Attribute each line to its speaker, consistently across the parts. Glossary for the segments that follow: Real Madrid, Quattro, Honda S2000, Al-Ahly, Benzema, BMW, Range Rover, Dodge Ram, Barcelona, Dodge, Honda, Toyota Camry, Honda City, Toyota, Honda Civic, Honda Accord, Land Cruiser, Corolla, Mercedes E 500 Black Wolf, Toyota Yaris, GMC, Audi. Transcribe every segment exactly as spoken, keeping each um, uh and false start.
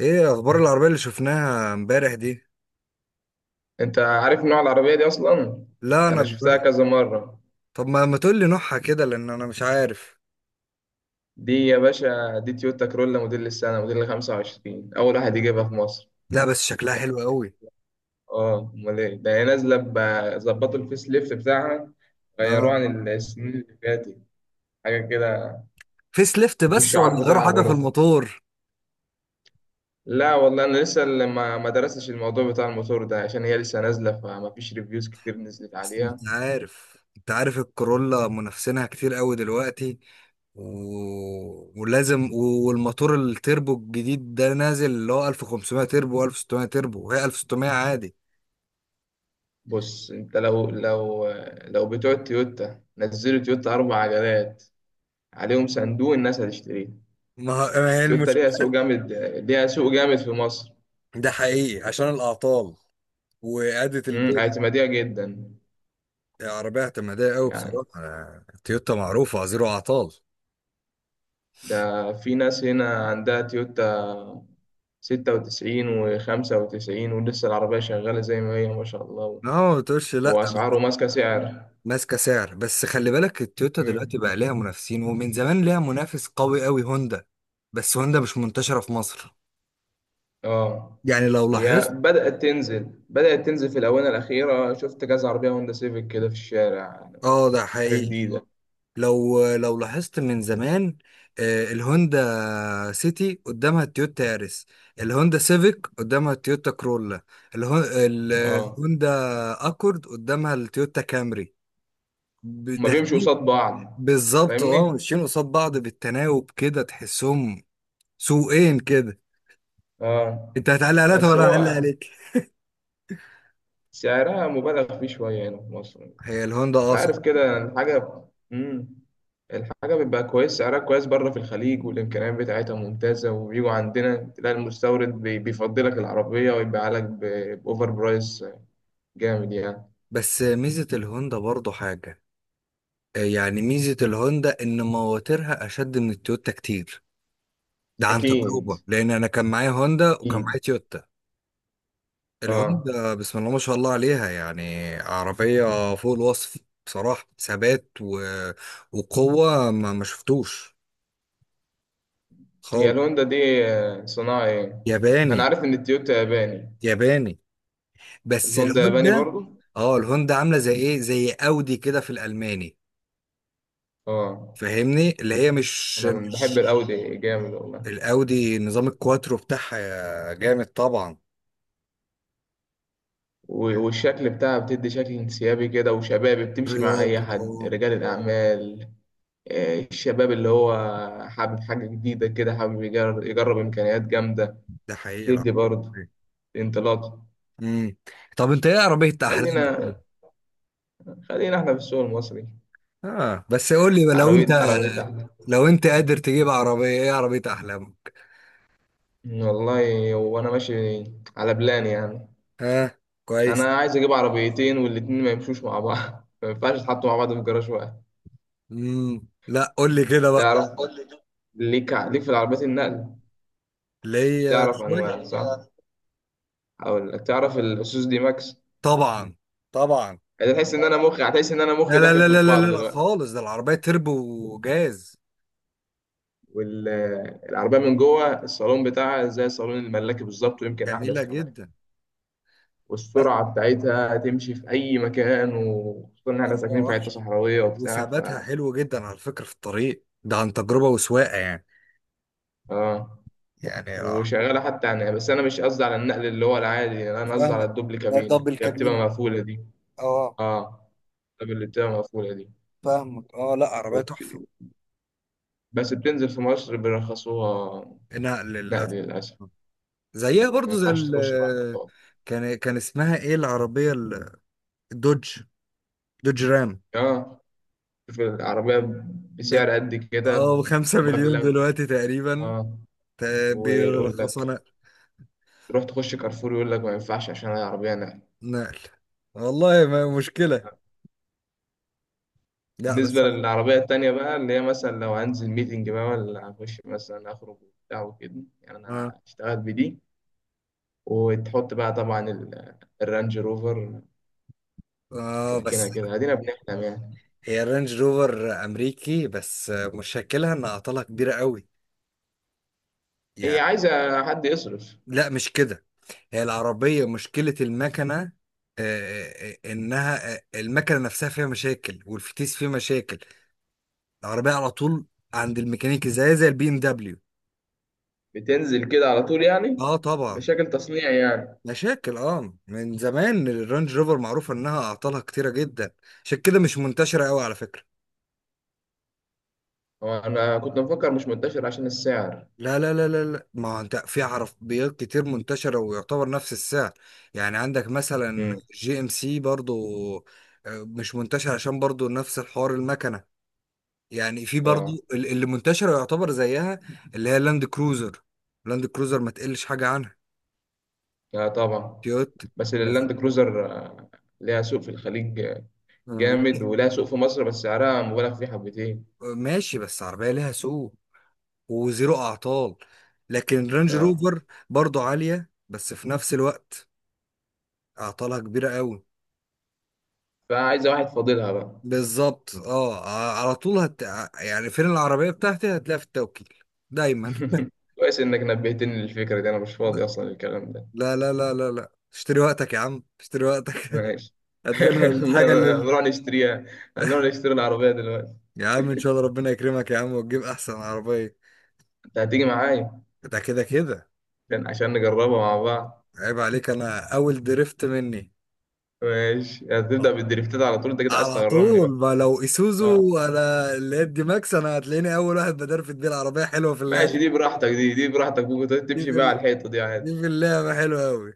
Speaker 1: ايه اخبار العربية اللي شفناها امبارح دي؟
Speaker 2: انت عارف نوع العربية دي اصلا؟
Speaker 1: لا انا
Speaker 2: انا
Speaker 1: ب...
Speaker 2: شفتها كذا مرة.
Speaker 1: طب ما ما تقول لي نوعها كده، لان انا مش عارف.
Speaker 2: دي يا باشا، دي تويوتا كرولا موديل السنة، موديل خمسة وعشرين، اول واحد يجيبها في مصر.
Speaker 1: لا بس شكلها حلو قوي.
Speaker 2: اه، امال ايه ده، هي نازلة ب- ظبطوا الفيس ليفت بتاعها،
Speaker 1: اه.
Speaker 2: غيروه عن السنين اللي فاتت، حاجة كده،
Speaker 1: فيس ليفت بس،
Speaker 2: والشعار
Speaker 1: ولا غيروا
Speaker 2: بتاعها
Speaker 1: حاجة في
Speaker 2: برضه.
Speaker 1: الموتور؟
Speaker 2: لا والله، انا لسه اللي ما ما درستش الموضوع بتاع الموتور ده عشان هي لسه نازلة، فما فيش ريفيوز كتير نزلت
Speaker 1: اصل
Speaker 2: عليها.
Speaker 1: انت عارف انت عارف الكورولا منافسينها كتير قوي دلوقتي، و... ولازم و- والموتور التربو الجديد ده نازل، اللي هو ألف وخمسمية تربو و1600 تربو، وهي ألف وستمية عادي.
Speaker 2: بص انت، لو لو لو بتوع تويوتا نزلوا تويوتا اربع عجلات عليهم صندوق، الناس هتشتريها.
Speaker 1: ما ما هي
Speaker 2: تويوتا
Speaker 1: المشكلة.
Speaker 2: ليها سوق جامد، ليها سوق جامد في مصر.
Speaker 1: ده حقيقي عشان الأعطال وإعادة
Speaker 2: امم
Speaker 1: البيع.
Speaker 2: اعتمادية جدا.
Speaker 1: عربية اعتمادية قوي،
Speaker 2: يعني
Speaker 1: بصراحة تويوتا معروفة زيرو أعطال.
Speaker 2: ده في ناس هنا عندها تويوتا ستة وتسعين وخمسة وتسعين، ولسه العربية شغالة زي ما هي، ما شاء الله.
Speaker 1: اه، ما تقولش لأ بس.
Speaker 2: وأسعاره ماسكة سعر.
Speaker 1: ماسكة سعر، بس خلي بالك، التويوتا دلوقتي
Speaker 2: امم.
Speaker 1: بقى ليها منافسين، ومن زمان ليها منافس قوي قوي، هوندا. بس هوندا مش منتشرة في مصر.
Speaker 2: اه،
Speaker 1: يعني لو
Speaker 2: هي
Speaker 1: لاحظت.
Speaker 2: بدأت تنزل، بدأت تنزل في الآونة الأخيرة، شفت كذا عربية هوندا سيفيك كده في الشارع،
Speaker 1: اه، ده
Speaker 2: حاجة
Speaker 1: حقيقي.
Speaker 2: جديدة.
Speaker 1: لو لو لاحظت من زمان، آه، الهوندا سيتي قدامها التويوتا ياريس، الهوندا سيفيك قدامها التويوتا كرولا، الهون-
Speaker 2: اه،
Speaker 1: الهوندا اكورد قدامها التويوتا كامري.
Speaker 2: هما بيمشوا
Speaker 1: داخلين.
Speaker 2: قصاد بعض،
Speaker 1: بالظبط، اه،
Speaker 2: فاهمني؟
Speaker 1: ماشيين قصاد بعض بالتناوب كده، تحسهم سوقين كده.
Speaker 2: اه،
Speaker 1: انت هتعلق عليها
Speaker 2: بس
Speaker 1: وانا هعلق
Speaker 2: هو
Speaker 1: عليك.
Speaker 2: سعرها مبالغ فيه شوية هنا في مصر، أنت
Speaker 1: هي الهوندا، اه صح.
Speaker 2: عارف كده الحاجة. مم. الحاجة بيبقى كويس سعرها كويس بره في الخليج، والإمكانيات بتاعتها ممتازة، وبيجوا عندنا تلاقي المستورد بي- بيفضلك العربية ويبيعها لك ب- بأوفر برايس، جامد يعني.
Speaker 1: بس ميزة الهوندا برضو حاجة. آه، يعني ميزة الهوندا ان مواترها اشد من التويوتا كتير. ده عن
Speaker 2: أكيد
Speaker 1: تجربة، لان انا كان معايا هوندا وكان
Speaker 2: أكيد.
Speaker 1: معايا تويوتا.
Speaker 2: آه.
Speaker 1: الهوندا بسم الله ما شاء الله عليها، يعني عربية فوق الوصف. بصراحة ثبات و... وقوة ما ما شفتوش
Speaker 2: هي
Speaker 1: خالص.
Speaker 2: الهوندا دي آه، صناعة إيه؟ أنا
Speaker 1: ياباني.
Speaker 2: عارف إن التويوتا ياباني.
Speaker 1: ياباني. بس
Speaker 2: الهوندا ياباني
Speaker 1: الهوندا،
Speaker 2: برضو.
Speaker 1: اه الهوندا عامله زي ايه، زي اودي كده في الالماني.
Speaker 2: آه.
Speaker 1: فاهمني؟ اللي هي مش
Speaker 2: أنا من- بحب
Speaker 1: مش
Speaker 2: الأودي جامد والله،
Speaker 1: الاودي نظام الكواترو بتاعها جامد طبعا.
Speaker 2: و- والشكل بتاعها بتدي شكل انسيابي كده وشبابي، بتمشي مع أي
Speaker 1: رياضي،
Speaker 2: حد،
Speaker 1: اه.
Speaker 2: رجال الأعمال. آه، الشباب اللي هو حابب حاجة جديدة كده، حابب يجرب, يجرب إمكانيات جامدة،
Speaker 1: ده حقيقي، لا.
Speaker 2: تدي برضه انطلاق.
Speaker 1: امم. طب انت ايه عربيه احلامك؟
Speaker 2: خلينا خلينا احنا في السوق المصري،
Speaker 1: اه بس قول لي بقى، لو انت،
Speaker 2: عربية عربية احلى.
Speaker 1: لو انت قادر تجيب عربيه، ايه عربيه احلامك؟
Speaker 2: والله، وأنا ماشي على بلان يعني.
Speaker 1: ها. كويس.
Speaker 2: أنا عايز أجيب عربيتين والاتنين ما يمشوش مع بعض ما ينفعش يتحطوا مع بعض في جراج واحد.
Speaker 1: امم لا، قول لي كده بقى.
Speaker 2: تعرف، ليك ليك في العربيات النقل،
Speaker 1: اللي هي
Speaker 2: تعرف أنواع
Speaker 1: شويه.
Speaker 2: صح؟ هقول لك، تعرف الاصوص دي ماكس.
Speaker 1: طبعا، طبعا.
Speaker 2: هتحس ان انا مخي هتحس ان انا
Speaker 1: لا
Speaker 2: مخي
Speaker 1: لا
Speaker 2: داخل
Speaker 1: لا
Speaker 2: في
Speaker 1: لا لا
Speaker 2: بعضه
Speaker 1: لا لا،
Speaker 2: دلوقتي.
Speaker 1: خالص، ده العربيه تربو وجاز.
Speaker 2: والعربيه من جوه الصالون بتاعها زي صالون الملاكي بالظبط، ويمكن احدث
Speaker 1: جميلة
Speaker 2: كمان.
Speaker 1: جدا. لا،
Speaker 2: والسرعه بتاعتها تمشي في اي مكان، وخصوصا ان احنا
Speaker 1: عربية
Speaker 2: ساكنين في حته
Speaker 1: وحش،
Speaker 2: صحراويه وبتاع، ف
Speaker 1: وثباتها حلو جدا على فكرة في الطريق، ده عن تجربة وسواقة يعني.
Speaker 2: اه،
Speaker 1: يعني آه.
Speaker 2: وشغاله حتى يعني. بس انا مش قصدي على النقل اللي هو العادي، يعني انا قصدي على
Speaker 1: فاهمك.
Speaker 2: الدوبل
Speaker 1: لا،
Speaker 2: كابينه،
Speaker 1: دبل
Speaker 2: هي بتبقى
Speaker 1: كابينة.
Speaker 2: مقفوله دي.
Speaker 1: اه.
Speaker 2: اه، طب اللي بتبقى مقفوله دي
Speaker 1: فاهمك، اه لا عربية تحفة.
Speaker 2: وبت... بس بتنزل في مصر، بيرخصوها
Speaker 1: انها
Speaker 2: نقل
Speaker 1: للأسف.
Speaker 2: للاسف.
Speaker 1: زيها
Speaker 2: مم. ما
Speaker 1: برضو زي
Speaker 2: ينفعش
Speaker 1: ال.
Speaker 2: تخش بقى المطار.
Speaker 1: كان كان اسمها ايه العربية ال- الدوج. دوج رام.
Speaker 2: اه، شوف العربية
Speaker 1: ب-
Speaker 2: بسعر قد كده،
Speaker 1: اه، خمسة مليون
Speaker 2: مبلغ.
Speaker 1: دلوقتي تقريبا.
Speaker 2: اه،
Speaker 1: ت-
Speaker 2: ويقول
Speaker 1: بيرخصوها
Speaker 2: لك
Speaker 1: نقل.
Speaker 2: تروح تخش كارفور، يقول لك ما ينفعش عشان العربية نقل.
Speaker 1: نقل. والله ما مشكلة. لا بس.
Speaker 2: بالنسبة للعربية التانية بقى، اللي هي مثلا لو هنزل ميتنج بقى، ولا هخش مثلا أخرج وبتاع وكده، يعني
Speaker 1: اه.
Speaker 2: أنا اشتغلت بدي، وتحط بقى طبعا ال- الرانج روفر،
Speaker 1: آه
Speaker 2: تركينة
Speaker 1: بس،
Speaker 2: كده، أدينا بنحلم يعني.
Speaker 1: هي الرينج روفر امريكي، بس مشكلها ان اعطالها كبيره قوي.
Speaker 2: هي
Speaker 1: يعني.
Speaker 2: عايزة حد يصرف.
Speaker 1: لا مش كده. هي العربيه مشكله المكنه، آه، آه، انها آه، المكنه نفسها فيها مشاكل، والفتيس فيه مشاكل. العربيه على طول عند الميكانيكي، زي زي البي ام دبليو.
Speaker 2: بتنزل كده على طول يعني،
Speaker 1: اه طبعا.
Speaker 2: مشاكل تصنيع يعني.
Speaker 1: مشاكل، اه من زمان الرينج روفر معروفه انها اعطالها كتيره جدا، عشان كده مش منتشره قوي على فكره.
Speaker 2: هو انا كنت مفكر مش منتشر عشان السعر.
Speaker 1: لا لا لا لا لا، ما هو انت في عربيات كتير منتشرة ويعتبر نفس السعر. يعني عندك مثلا، مم.
Speaker 2: امم.
Speaker 1: جي ام سي برضو. آه، مش منتشر عشان برضو نفس الحوار، المكنة. يعني في
Speaker 2: اه.
Speaker 1: برضو ال- اللي منتشرة يعتبر زيها. اللي هي لاند كروزر. لاند كروزر ما تقلش حاجة عنها.
Speaker 2: لا طبعا.
Speaker 1: تويوتا.
Speaker 2: بس
Speaker 1: بس
Speaker 2: اللاند كروزر آه، ليها سوق في الخليج آه،
Speaker 1: و-
Speaker 2: جامد، ولها سوق في مصر، بس سعرها مبالغ فيه حبتين.
Speaker 1: ماشي، بس عربية ليها سوق وزيرو أعطال. لكن رانج
Speaker 2: اه،
Speaker 1: روفر برضو عالية، بس في نفس الوقت أعطالها كبيرة قوي.
Speaker 2: فعايزه واحد فاضلها بقى.
Speaker 1: بالظبط، اه. على طول هت... يعني فين العربية بتاعتي؟ هتلاقيها في التوكيل دايما.
Speaker 2: كويس انك نبهتني للفكره دي، انا مش فاضي اصلا للكلام ده.
Speaker 1: لا لا لا لا لا لا. اشتري وقتك يا عم، اشتري وقتك.
Speaker 2: ماشي.
Speaker 1: هات لنا الحاجة اللي.
Speaker 2: نروح نشتريها، هنروح نشتري العربيه دلوقتي.
Speaker 1: يا عم ان شاء الله ربنا يكرمك يا عم، وتجيب احسن عربية.
Speaker 2: انت هتيجي معايا
Speaker 1: ده كده كده.
Speaker 2: عشان عشان نجربها مع بعض.
Speaker 1: عيب عليك، انا اول درفت مني.
Speaker 2: ماشي، هتبدا
Speaker 1: آه.
Speaker 2: بالدريفتات على طول، انت كده عايز
Speaker 1: على
Speaker 2: تغرمني
Speaker 1: طول. ما لو
Speaker 2: بقى.
Speaker 1: اسوزو انا، اللي هي دي ماكس، انا هتلاقيني اول واحد بدرفت بيه. العربية حلوة في اللعبة.
Speaker 2: ماشي، دي براحتك، دي دي براحتك، ممكن
Speaker 1: دي
Speaker 2: تمشي
Speaker 1: في, ال...
Speaker 2: بقى على الحيطه دي
Speaker 1: دي
Speaker 2: عادي.
Speaker 1: في اللعبة حلوة قوي.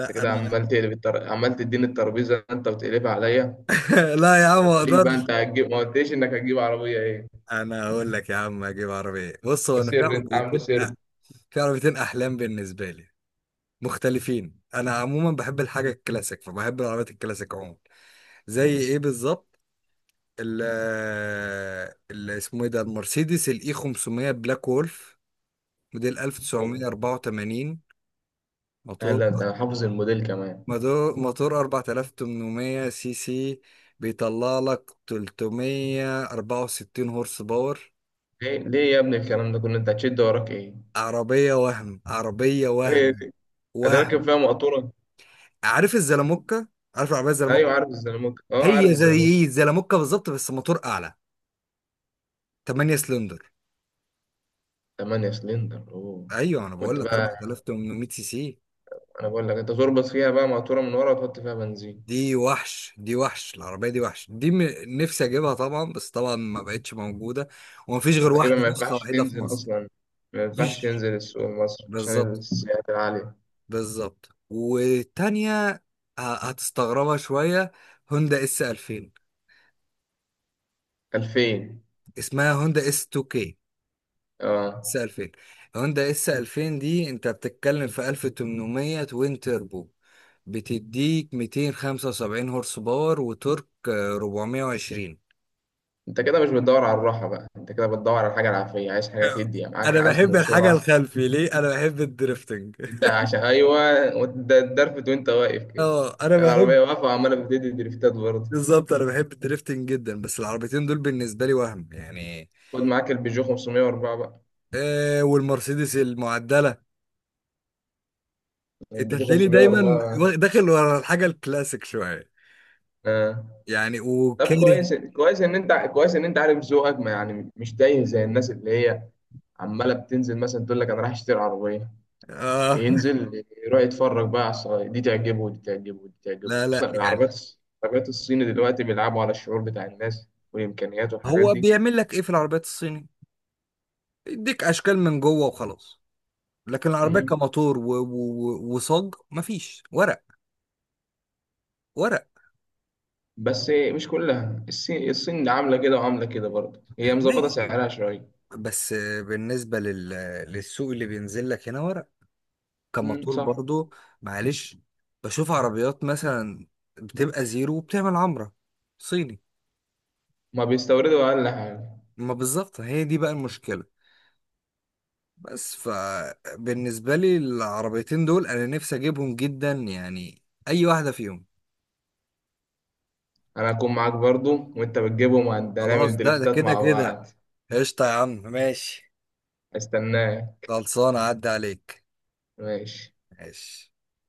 Speaker 2: انت كده
Speaker 1: انا.
Speaker 2: عمال تقلب التر... عمال تديني الترابيزه انت وتقلبها عليا.
Speaker 1: لا يا
Speaker 2: ما
Speaker 1: عم ما
Speaker 2: قلتليش بقى انت
Speaker 1: اقدرش.
Speaker 2: هتجيب ما قلتليش انك هتجيب عربيه ايه؟
Speaker 1: انا هقول لك يا عم اجيب عربيه. بص، هو انا في
Speaker 2: وسر، انت عامله
Speaker 1: عربيتين،
Speaker 2: سر.
Speaker 1: في عربيتين احلام بالنسبه لي. مختلفين. انا عموما بحب الحاجه الكلاسيك، فبحب العربيات الكلاسيك عموما. زي ايه بالظبط؟ ال اللي اسمه ايه ده، المرسيدس الاي خمسمية بلاك وولف، موديل ألف وتسعمية أربعة وثمانين.
Speaker 2: لا لا،
Speaker 1: موتور،
Speaker 2: انت حافظ الموديل كمان؟
Speaker 1: موتور موتور أربعة آلاف وثمنمية سي سي، بيطلع لك ثلثمية أربعة وستين هورس باور.
Speaker 2: ليه، ليه يا ابني الكلام ده كله، انت هتشد وراك ايه؟
Speaker 1: عربيه وهم، عربيه
Speaker 2: ايه
Speaker 1: وهم،
Speaker 2: دي، أنا راكب
Speaker 1: وهم.
Speaker 2: فيها مقطوره.
Speaker 1: عارف الزلموكة؟ عارف العربية
Speaker 2: ايوه
Speaker 1: الزلموكة؟
Speaker 2: عارف الزلموت، اه، عارف
Speaker 1: هي
Speaker 2: الزلموت.
Speaker 1: زي الزلموكة بالظبط بس موتور اعلى، تمن سلندر.
Speaker 2: 8 سلندر، اوه.
Speaker 1: ايوه انا بقول
Speaker 2: وانت
Speaker 1: لك
Speaker 2: بقى،
Speaker 1: أربعة آلاف وثمنمية سي سي.
Speaker 2: انا بقول لك انت تربط فيها بقى مقطوره من ورا وتحط فيها بنزين،
Speaker 1: دي وحش دي وحش العربية، دي وحش دي م... نفسي اجيبها طبعا، بس طبعا ما بقتش موجودة، ومفيش غير
Speaker 2: تقريبا
Speaker 1: واحدة،
Speaker 2: ما
Speaker 1: نسخة
Speaker 2: ينفعش
Speaker 1: واحدة في
Speaker 2: تنزل
Speaker 1: مصر.
Speaker 2: أصلا، ما ينفعش
Speaker 1: مفيش.
Speaker 2: تنزل السوق مصر عشان
Speaker 1: بالظبط.
Speaker 2: السعرات العالية.
Speaker 1: بالظبط. والتانية ه- هتستغربها شوية، هوندا اس ألفين.
Speaker 2: الفين.
Speaker 1: اسمها هوندا اس اتنين كي، اس
Speaker 2: اه،
Speaker 1: ألفين. هوندا اس ألفين دي انت بتتكلم في ألف وثمنمية توين تيربو، بتديك مئتين وخمسة وسبعين هورس باور وتورك آه، أربعمية وعشرين.
Speaker 2: انت كده مش بتدور على الراحة بقى، انت كده بتدور على حاجة العافية، عايز حاجة تدي يعني معاك
Speaker 1: انا
Speaker 2: عزم
Speaker 1: بحب الحاجه
Speaker 2: وسرعة.
Speaker 1: الخلفي، ليه؟ انا بحب الدريفتنج.
Speaker 2: انت عشان ايوه وت- الدرفت وانت واقف كده،
Speaker 1: اه انا بحب.
Speaker 2: العربية واقفة وعمالة بتدي دريفتات برضه.
Speaker 1: بالظبط. انا بحب الدريفتنج جدا. بس العربيتين دول بالنسبه لي وهم يعني.
Speaker 2: خد معاك البيجو خمسمية واربعة بقى،
Speaker 1: آه والمرسيدس المعدله. انت
Speaker 2: البيجو
Speaker 1: هتلاقيني دايما
Speaker 2: خمسمية واربعة.
Speaker 1: وا- داخل ورا الحاجه الكلاسيك شويه،
Speaker 2: اه،
Speaker 1: يعني
Speaker 2: طب
Speaker 1: وكاره.
Speaker 2: كويس، كويس ان انت كويس ان انت عارف ذوقك، ما يعني مش تايه زي الناس اللي هي عماله بتنزل مثلا تقول لك انا رايح اشتري عربيه،
Speaker 1: اه.
Speaker 2: ينزل يروح يتفرج بقى على الصغير، دي تعجبه، ودي تعجبه، ودي تعجبه،
Speaker 1: لا لا،
Speaker 2: خصوصا
Speaker 1: يعني.
Speaker 2: العربيات. العربيات الصيني دلوقتي بيلعبوا على الشعور بتاع الناس والإمكانيات والحاجات
Speaker 1: هو
Speaker 2: دي.
Speaker 1: بيعمل لك ايه في العربيات الصيني؟ يديك اشكال من جوه وخلاص. لكن العربيات
Speaker 2: مم.
Speaker 1: كموتور و... و... و- وصاج، مفيش ورق. ورق.
Speaker 2: بس مش كلها، الصين الصين عاملة كده وعاملة كده برضه، هي مظبطة
Speaker 1: ماشي
Speaker 2: سعرها شوية.
Speaker 1: بس. بالنسبة لل... للسوق اللي بينزل لك هنا ورق،
Speaker 2: مم،
Speaker 1: كموتور
Speaker 2: صح.
Speaker 1: برضو. معلش. بشوف عربيات مثلا بتبقى زيرو وبتعمل عمرة، صيني.
Speaker 2: ما بيستوردوا أقل حاجة.
Speaker 1: ما بالظبط، هي دي بقى المشكلة. بس فبالنسبة لي العربيتين دول انا نفسي اجيبهم جدا يعني، اي واحدة فيهم.
Speaker 2: أنا هكون معاك برضه، وأنت بتجيبهم وهنعمل
Speaker 1: خلاص، ده ده
Speaker 2: دريفتات
Speaker 1: كده
Speaker 2: مع
Speaker 1: كده.
Speaker 2: بعض.
Speaker 1: قشطة يا عم، ماشي.
Speaker 2: استناك.
Speaker 1: خلصانة عدى عليك.
Speaker 2: ماشي
Speaker 1: ماشي.